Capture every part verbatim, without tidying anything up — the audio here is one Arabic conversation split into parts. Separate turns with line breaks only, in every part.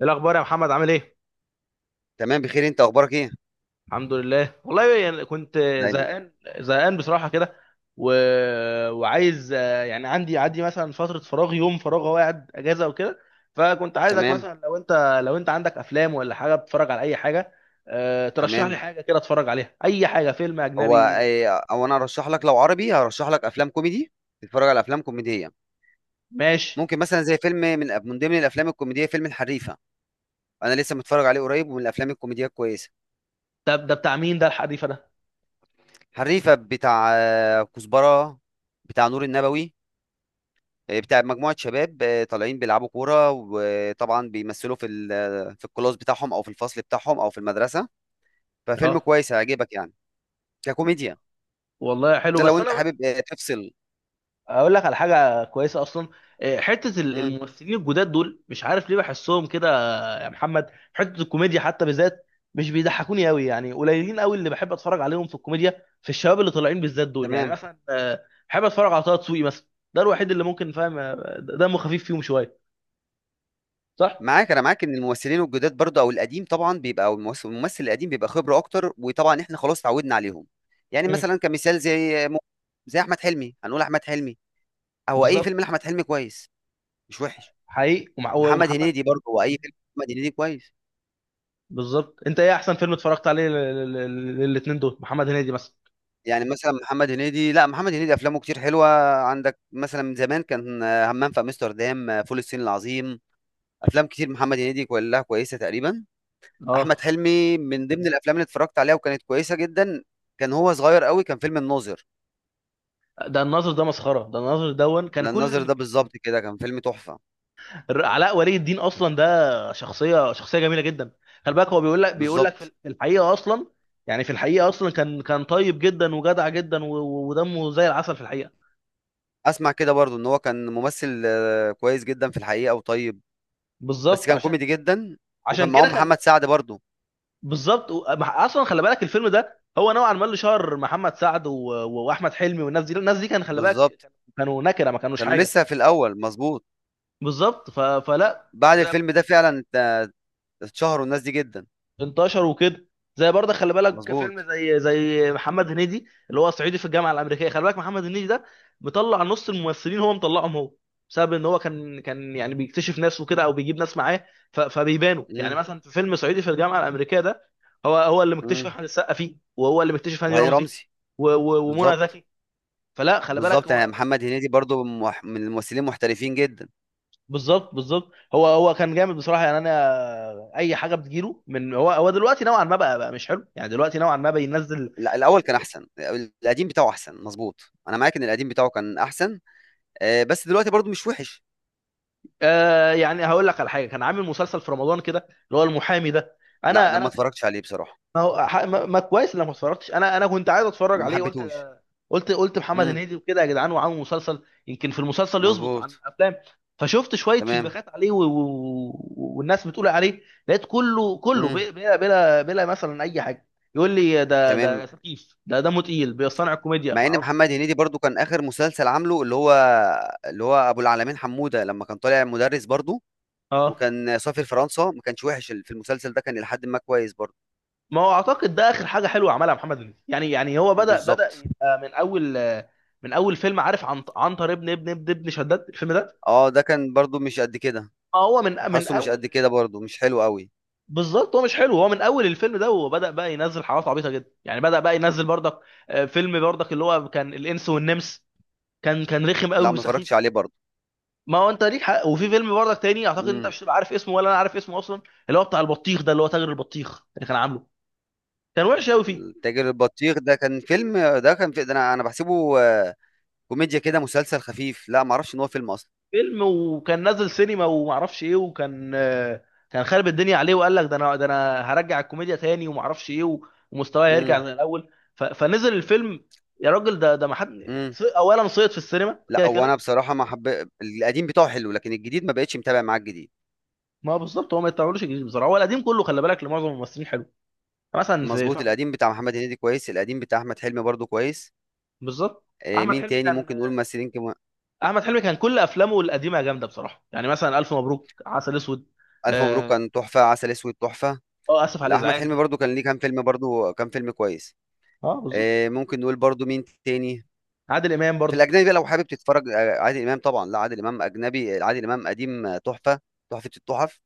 ايه الاخبار يا محمد؟ عامل ايه؟
تمام، بخير. انت اخبارك ايه؟
الحمد لله، والله يعني كنت
دايما.
زهقان، زهقان بصراحه كده. و... وعايز، آه، يعني عندي عندي مثلا فتره فراغ، يوم فراغ، هو قاعد اجازه وكده. فكنت عايزك
تمام.
مثلا، لو انت لو انت عندك افلام ولا حاجه، بتتفرج على اي حاجه. آه، ترشح لي
تمام.
حاجه كده اتفرج عليها، اي حاجه، فيلم
هو
اجنبي.
ايه؟ او انا ارشح لك. لو عربي هرشح لك افلام كوميدي. تتفرج على افلام كوميديه؟
ماشي.
ممكن مثلا زي فيلم من من ضمن الافلام الكوميديه، فيلم الحريفه. انا لسه متفرج عليه قريب، ومن الافلام الكوميديه الكويسه.
ده ده بتاع مين؟ ده الحديث ده.
حريفه بتاع آه، كزبره، بتاع نور النبوي. آه، بتاع مجموعه شباب آه، طالعين بيلعبوا كوره، وطبعا بيمثلوا في ال- في الكلاس بتاعهم، او في الفصل بتاعهم، او في المدرسه.
اه،
ففيلم كويس هيعجبك يعني، ككوميديا.
والله حلو.
ده لو
بس انا
انت
اقول لك،
حابب آه، تفصل.
اقول لك على حاجه كويسه اصلا. آه، حته
امم.
الممثلين الجداد دول، مش عارف ليه بحسهم كده يا محمد. حته الكوميديا حتى بالذات مش بيضحكوني قوي، يعني قليلين قوي اللي بحب اتفرج عليهم في الكوميديا، في الشباب اللي طالعين بالذات دول. يعني
تمام.
مثلا آه، بحب اتفرج على طه دسوقي مثلا، ده الوحيد اللي ممكن فاهم، آه، دمه خفيف فيهم شويه. صح.
معاك أنا معاك إن الممثلين الجداد برضه أو القديم طبعًا بيبقى، أو الممس- الممثل القديم بيبقى خبرة أكتر، وطبعًا إحنا خلاص اتعودنا عليهم. يعني
امم
مثلًا كمثال زي م زي أحمد حلمي، هنقول أحمد حلمي، هو أي
بالظبط،
فيلم لأحمد حلمي كويس، مش وحش.
حقيقي. ومع-
محمد هنيدي
ومحمد
برضه، هو أي فيلم لأحمد هنيدي كويس.
بالظبط. انت ايه احسن فيلم اتفرجت عليه للاثنين دول، محمد هنيدي مثلا؟
يعني مثلًا محمد هنيدي، لأ، محمد هنيدي أفلامه كتير حلوة. عندك مثلًا من زمان كان آه، همام في أمستردام، آه، فول الصين العظيم. أفلام كتير محمد هنيدي كلها كويسة تقريبًا. احمد
اه،
حلمي من ضمن الافلام اللي اتفرجت عليها وكانت كويسه جدا، كان هو صغير قوي، كان فيلم الناظر.
ده الناظر ده مسخره. ده الناظر دون كان
لان
كل
الناظر
اللي...
ده بالظبط كده كان فيلم تحفه.
الر- علاء ولي الدين اصلا ده شخصيه، شخصيه جميله جدا. خلي بالك هو بيقول لك، بيقول لك في
بالظبط.
ال- في الحقيقه اصلا، يعني في الحقيقه اصلا كان، كان طيب جدا وجدع جدا، و- و- ودمه زي العسل في الحقيقه.
اسمع كده برضو ان هو كان ممثل آه، كويس جدا في الحقيقه وطيب، بس
بالظبط،
كان
عشان
كوميدي جدا. وكان
عشان كده
معاهم
خل...
محمد سعد برضو.
بالظبط. و- مع- اصلا خلي بالك الفيلم ده هو نوعا ما اللي شهر محمد سعد و... و- واحمد حلمي، والناس دي، الناس دي كان خلي بالك
بالظبط.
كانوا نكره، ما كانوش
كانوا
حاجه.
لسه في الاول، مظبوط.
بالظبط. ف... فلا،
بعد الفيلم ده فعلا ات- اتشهروا الناس دي جدا.
انتشر وكده. زي برضه خلي بالك فيلم
مظبوط.
زي زي محمد هنيدي اللي هو صعيدي في الجامعه الامريكيه. خلي بالك محمد هنيدي ده مطلع نص الممثلين، هو مطلعهم هو، بسبب ان هو كان، كان يعني بيكتشف ناس وكده، او بيجيب ناس معاه. ف- فبيبانوا. يعني
امم.
مثلا في فيلم صعيدي في الجامعه الامريكيه ده، هو هو اللي مكتشف
امم.
احمد السقا فيه، وهو اللي مكتشف هاني
وهاني
رمزي
رمزي.
و- و- ومنى
بالظبط.
زكي. فلا خلي بالك
بالظبط، يعني
هو.
محمد هنيدي برضو من مح- من الممثلين المحترفين جدا.
بالظبط، بالظبط. هو هو كان جامد بصراحه، يعني انا اي حاجه بتجيله من هو، هو دلوقتي نوعا ما بقى بقى مش حلو، يعني دلوقتي نوعا ما بينزل.
لا، الاول كان احسن، القديم بتاعه احسن، مظبوط. انا معاك ان القديم بتاعه كان احسن، آه، بس دلوقتي برضو مش وحش.
آه، يعني هقول لك على حاجه. كان عامل مسلسل في رمضان كده، اللي هو المحامي ده.
لا،
انا
ده ما
انا كنت...
اتفرجتش عليه بصراحه،
ما هو ح- ما ما كويس انك ما اتفرجتش. انا انا كنت عايز اتفرج
ما
عليه، قلت،
حبيتهوش.
قلت قلت محمد
امم.
هنيدي وكده يا جدعان، وعامل مسلسل، يمكن في المسلسل يظبط عن
مظبوط.
الافلام. فشفت شويه
تمام.
فيدباكات عليه و... و... والناس بتقول عليه، لقيت كله كله
امم.
بلا بلا بلا، بلا، مثلا اي حاجه. يقول لي ده ده
تمام.
خفيف، ده دمه تقيل، بيصنع الكوميديا،
مع
ما
ان
اعرفش.
محمد هنيدي برضو كان اخر مسلسل عامله اللي هو اللي هو ابو العلمين حموده، لما كان طالع مدرس برضو،
اه،
وكان سافر فرنسا. ما كانش وحش ال- في المسلسل ده، كان الى حد ما كويس برضو.
ما هو اعتقد ده اخر حاجه حلوه عملها محمد هنيدي. يعني، يعني هو بدا، بدا
بالظبط.
يبقى من اول، من اول فيلم، عارف، عن عنتر ابن ابن ابن ابن شداد، الفيلم ده.
اه، ده كان برضو مش قد كده،
ما هو من من
حاسه مش
اول.
قد كده برضو، مش حلو قوي.
بالظبط، هو مش حلو. هو من اول الفيلم ده وهو بدا بقى ينزل حاجات عبيطه جدا. يعني بدا بقى ينزل برضك، آه، فيلم برضك اللي هو كان الانس والنمس، كان، كان رخم قوي
لا، ما
وسخيف.
اتفرجتش عليه برضو.
ما هو انت ليك حق. وفي فيلم برضك تاني، اعتقد انت
مم.
مش هتبقى عارف اسمه، ولا انا عارف اسمه اصلا، اللي هو بتاع البطيخ ده، اللي هو تاجر البطيخ اللي كان عامله. كان وحش قوي فيه
تاجر البطيخ ده كان فيلم؟ ده كان في ده، انا انا بحسبه آه، كوميديا كده، مسلسل خفيف. لا، ما اعرفش ان هو فيلم اصلا.
فيلم، وكان نازل سينما ومعرفش ايه، وكان، آه، كان خارب الدنيا عليه، وقال لك ده انا ده انا هرجع الكوميديا تاني، ومعرفش ايه، و- ومستواه
امم.
هيرجع زي الاول. ف- فنزل الفيلم، يا راجل ده ده ما حد...
امم.
سي- اولا صيد في السينما
لا،
كده
هو انا
كده.
بصراحه ما حب، القديم بتاعه حلو، لكن الجديد ما بقتش متابع معاه الجديد.
ما هو بالظبط، هو ما يطلعولوش الجديد بصراحه. هو القديم كله خلي بالك لمعظم الممثلين حلو. مثلا في
مظبوط.
في-
القديم بتاع محمد هنيدي كويس، القديم بتاع احمد حلمي برضو كويس.
بالظبط.
آه،
احمد
مين
حلمي
تاني
كان،
ممكن نقول ممثلين كمان؟
احمد حلمي كان كل افلامه القديمه جامده بصراحه، يعني مثلا الف مبروك، عسل اسود.
الف مبروك
اه.
كان تحفه، عسل اسود تحفه.
آه، اسف على
لا، احمد
الازعاج.
حلمي برضو كان ليه كام فيلم، برضو كام فيلم كويس.
اه بالظبط.
آه، ممكن نقول برضو مين تاني؟
عادل امام
في
برضه.
الأجنبي بقى لو حابب تتفرّج. آآ عادل إمام طبعًا، لأ، عادل إمام أجنبي؟ عادل إمام قديم آه، تحفة، تحفة التُحَف.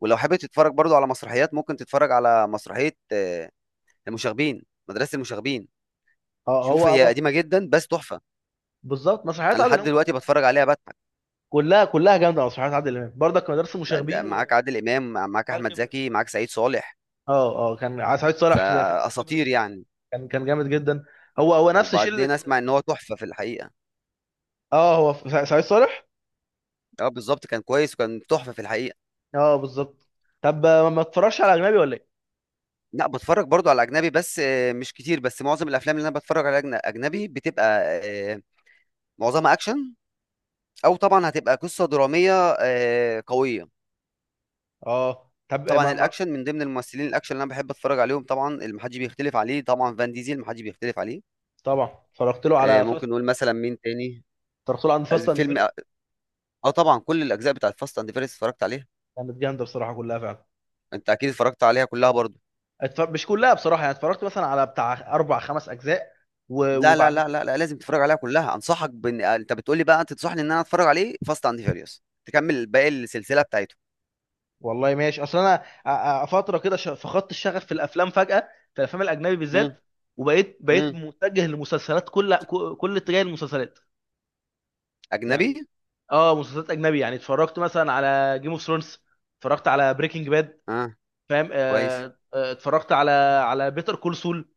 ولو حابب تتفرّج برضه على مسرحيات، ممكن تتفرّج على مسرحية آه، المشاغبين، مدرسة المشاغبين.
اه
شوف،
هو
هي قديمة جدًا بس تحفة.
بالظبط. مسرحيات
أنا
عادل
لحد
امام
دلوقتي
كلها،
باتفرّج عليها باضحك.
كلها كلها جامده. مسرحيات عادل امام برضك، مدرسه
أنت
مشاغبين
معاك
والعيال
عادل إمام، معاك أحمد
كبرت.
زكي، معاك سعيد صالح،
اه، اه، كان ع- سعيد صالح في، في العيال كبرت
فأساطير
برضه.
يعني.
كان كان جامد جدا. هو هو نفس شله.
وبعدين أسمع إن هو تحفة في الحقيقة.
اه، هو في سع- سعيد صالح.
آه، بالضبط، كان كويس وكان تحفة في الحقيقة.
اه بالظبط. طب، آه، ما اتفرجش على اجنبي ولا ايه؟
لأ، باتفرّج برضه على أجنبي، بس آه، مش كتير. بس معظم الأفلام اللي أنا باتفرّج عليها أجن أجنبي، بتبقى آآ معظمها اكشن، او طبعا هتبقى قصه دراميه آه، قويه.
اه. طب، آه،
طبعا
ما... ما...
الاكشن، من ضمن الممثلين الاكشن اللي انا بحب اتفرج عليهم طبعا، اللي محدش بيختلف عليه، طبعا فان ديزل محدش بيختلف عليه.
طبعا. اتفرجت له
آه،
على فاست
ممكن نقول مثلا مين تاني؟
اتفرجت له عند
از-
فاست اند فيريوس.
فيلم، اه طبعا كل الاجزاء بتاعت فاست اند فيرس اتفرجت عليها.
كانت جامده بصراحه كلها فعلا.
انت اكيد اتفرجت عليها كلها برضو.
اتف... مش كلها بصراحه، يعني اتفرجت مثلا على بتاع اربع خمس اجزاء و...
لا لا
وبعد
لا لا,
كده.
لا، لازم تتفرج عليها كلها. انصحك بان آه، انت بتقولي بقى انت تنصحني ان انا اتفرج عليه فاست اند فيريوس، تكمل باقي السلسله بتاعته.
والله ماشي. اصل انا أ- أ- فتره كده، ش- فقدت الشغف في الافلام فجاه، في الافلام الاجنبي
امم.
بالذات. وبقيت بقيت
امم.
متجه للمسلسلات. كل ك- كل اتجاه المسلسلات يعني.
اجنبي؟
اه، مسلسلات اجنبي. يعني اتفرجت مثلا على جيم اوف ثرونز، اتفرجت على بريكنج باد،
اه،
فاهم؟
كويس.
آه، آه، اتفرجت على، على بيتر كول سول.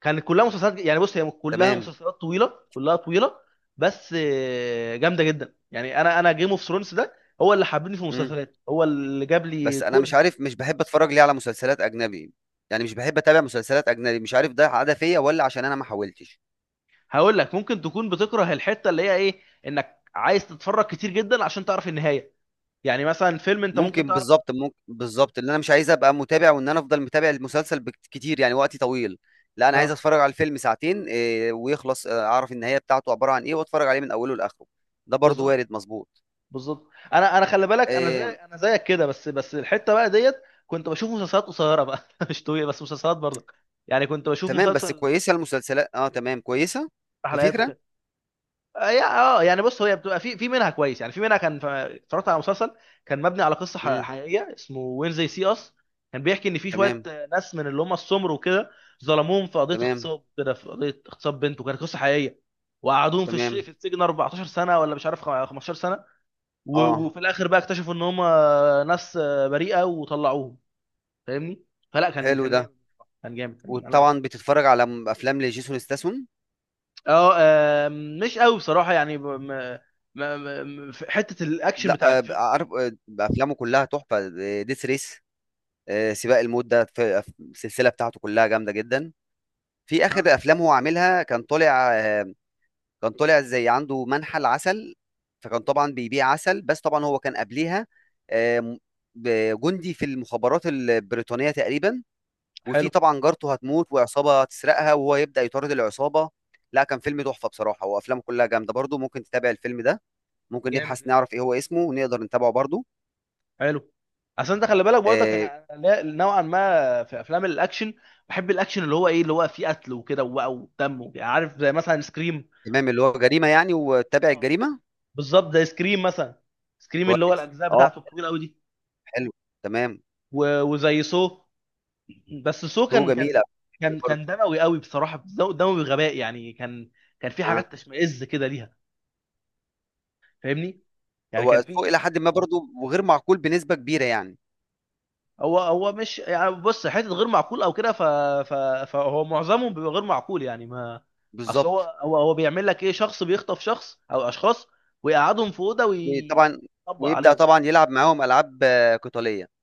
كانت كلها مسلسلات، يعني بص هي كلها
تمام.
مسلسلات طويله، كلها طويله، بس آه، جامده جدا. يعني انا انا جيم اوف ثرونز ده هو اللي حببني في
مم.
المسلسلات، هو اللي جاب لي
بس انا مش
كره.
عارف، مش بحب اتفرج ليه على مسلسلات اجنبي، يعني مش بحب اتابع مسلسلات اجنبي، مش عارف ده عاده فيا ولا عشان انا ما حاولتش.
هقول لك، ممكن تكون بتكره الحته اللي هي ايه، انك عايز تتفرج كتير جدا عشان تعرف النهايه. يعني مثلا فيلم انت ممكن
ممكن
تعرف.
بالظبط، ممكن بالظبط، ان انا مش عايز ابقى متابع، وان انا افضل متابع المسلسل بكت- كتير، يعني وقتي طويل. لا، انا عايز
اه
اتفرج على الفيلم ساعتين إيه، ويخلص، آه، اعرف النهايه بتاعته عباره عن ايه، واتفرج عليه من اوله لاخره. ده برضو
بالظبط،
وارد، مظبوط.
بالظبط. انا انا خلي بالك انا زي
إيه.
انا زيك كده، بس بس الحته بقى ديت. كنت بشوف مسلسلات قصيره بقى مش طويله بس مسلسلات برضك. يعني كنت بشوف
تمام، بس
مسلسل
كويسه المسلسلات، اه، تمام كويسه كفكره.
حلقات، آه، يا- اه يعني بص هي بتبقى في، في منها كويس يعني، في منها كان، ف- اتفرجت على مسلسل كان مبني على قصه ح-
امم.
حقيقيه، اسمه وين زي سي اس. كان بيحكي ان في شويه
تمام.
آه، ناس من اللي هم السمر وكده، ظلموهم في قضيه
تمام.
اغتصاب كده، في قضيه اغتصاب بنت، وكانت قصه حقيقيه. وقعدوهم في الش-
تمام.
في السجن اربعتاشر سنه، ولا مش عارف، خم- خمستاشر سنه. و-
اه،
وفي الاخر بقى اكتشفوا ان هم، آه، ناس آه، بريئه، وطلعوهم. فاهمني. فلا كان
حلو
كان
ده.
جامد. كان جامد
وطبعا
انا.
بتتفرج على م- افلام لجيسون ستاثام؟
اه آم، مش قوي بصراحه. يعني ب- م- م- م- في حته الاكشن
لا
بتاع
آه، ب-
الفيلم.
عارف، آه، بقى افلامه كلها تحفه. ديث ريس، سباق الموت، ده في- في السلسله بتاعته كلها جامده جدا. في
لا،
اخر افلام هو عاملها، كان طالع آه، كان طالع زي عنده منحل عسل، فكان طبعا بيبيع عسل، بس طبعا هو كان قبليها آه، م- ب- جندي في المخابرات البريطانيه تقريبا. وفي
حلو،
طبعا جارته هتموت، وعصابه هتسرقها، وهو يبدا يطارد العصابه. لا، كان فيلم تحفه بصراحه، وافلامه كلها جامده برضو، ممكن تتابع الفيلم ده. ممكن
جامد
نبحث
جدا،
نعرف إيه هو اسمه، ونقدر نتابعه برضه.
حلو. عشان انت خلي بالك برضك
آه.
انا أنا لا- نوعا ما في افلام الاكشن، بحب الاكشن اللي هو ايه، اللي هو فيه قتل وكده، وبقى ودم وكده. عارف زي مثلا سكريم،
تمام، اللي
لو
هو
عارف.
جريمة يعني، وتابع
اه،
الجريمة.
بالظبط. زي سكريم مثلا. سكريم اللي هو
كويس،
الاجزاء
أه.
بتاعته الطويله قوي دي،
حلو. تمام.
و- وزي سو. بس سو
سوق
كان، كان
جميلة.
كان
برضه.
كان دموي قوي بصراحه، دموي غباء يعني، كان، كان في
آه.
حاجات تشمئز كده ليها. فاهمني. يعني
هو
كان
السوق
في.
إلى حد ما برضه، وغير معقول بنسبة كبيرة يعني.
هو هو مش، يعني بص حته غير معقول او كده، ف... ف... فهو معظمه بيبقى غير معقول يعني. ما اصل هو
بالظبط.
هو هو بيعمل لك ايه: شخص بيخطف شخص او اشخاص، ويقعدهم في اوضه
طبعا.
ويطبق
ويبدأ
عليهم بقى.
طبعا يلعب معاهم ألعاب آه، قتالية.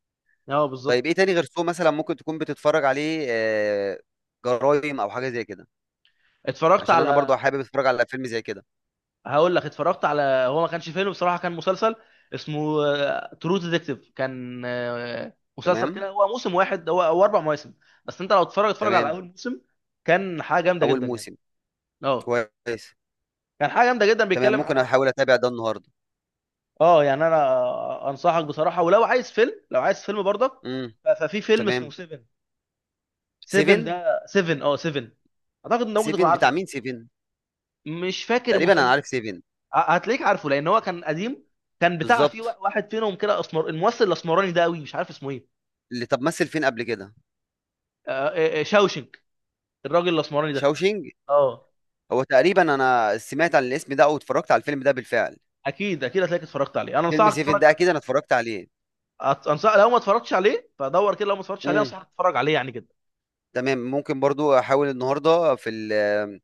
اه
طيب إيه
بالظبط.
تاني غير سوق مثلا ممكن تكون بتتفرج عليه؟ آه، جرايم أو حاجة زي كده،
اتفرجت
عشان أنا برضه
على
حابب أتفرج على فيلم زي كده.
هقول لك، اتفرجت على، هو ما كانش فيلم بصراحه، كان مسلسل اسمه ترو ديتكتيف. كان آه، مسلسل
تمام.
كده، هو موسم واحد هو، او اربع مواسم. بس انت لو تتفرج اتفرج على
تمام.
اول موسم. كان حاجه جامده
أول
جدا يعني.
موسم.
اه،
كويس.
كان حاجه جامده جدا،
تمام،
بيتكلم
ممكن
على...
أحاول أتابع ده النهاردة.
اه يعني، انا انصحك بصراحه. ولو عايز فيلم، لو عايز فيلم برضك،
مم.
ف- ففي فيلم اسمه
تمام.
سيفن. سيفن
سيفن.
ده سيفن اه سيفن. اعتقد ان ممكن تكون
سيفن
عارفه
بتاع
يعني.
مين سيفن؟
مش فاكر
تقريبا انا
مسم.
عارف سيفن.
ه- هتلاقيك عارفه لان هو كان قديم. كان بتاع فيه
بالظبط.
وا- واحد فينهم كده اسمر، الممثل الاسمراني ده قوي، مش عارف اسمه ايه.
اللي طب مثل فين قبل كده؟
آه، آه، آه، شاوشنك. الراجل الاسمراني ده.
شاوشينج.
اه،
هو تقريبا انا سمعت عن الاسم ده، او اتفرجت على الفيلم ده بالفعل.
اكيد اكيد هتلاقيك اتفرجت عليه. انا
فيلم
انصحك
سيفن
تتفرج
ده اكيد انا
على...
اتفرجت عليه.
أت- انصح، لو ما اتفرجتش عليه فدور كده. لو ما اتفرجتش عليه
امم.
انصحك تتفرج عليه يعني كده.
تمام، ممكن برضو احاول النهارده في ال-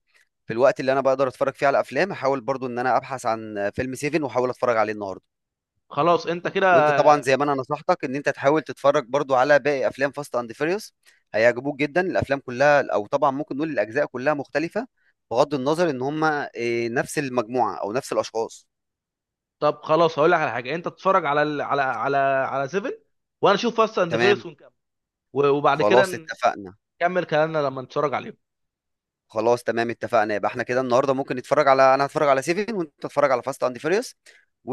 في الوقت اللي انا بقدر اتفرج فيه على افلام، احاول برضو ان انا ابحث عن فيلم سيفن واحاول اتفرج عليه النهارده.
خلاص انت كده.
وانت طبعا زي ما انا نصحتك ان انت تحاول تتفرج برضو على باقي افلام فاست اند فيريوس، هيعجبوك جدا الافلام كلها، او طبعا ممكن نقول الاجزاء كلها مختلفه بغض النظر ان هم آه، نفس المجموعه او نفس الاشخاص.
طب خلاص هقول لك على حاجه: انت تتفرج على ال... على على على سيفن، وانا اشوف فاست اند
تمام.
فيرس ونكمل، و- وبعد كده
خلاص، اتفقنا.
نكمل كلامنا لما نتفرج عليهم.
خلاص، تمام، اتفقنا، يبقى احنا كده النهارده ممكن نتفرج على انا هتفرج على سيفن، وانت تتفرج على فاست اند فيريوس،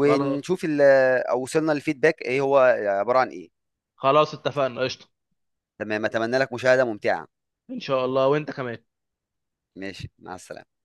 خلاص.
ال... او وصلنا للفيدباك ايه هو، عباره عن ايه.
خلاص اتفقنا، قشطه.
تمام، اتمنى لك مشاهده ممتعه.
ان شاء الله، وانت كمان.
ماشي، مع السلامه.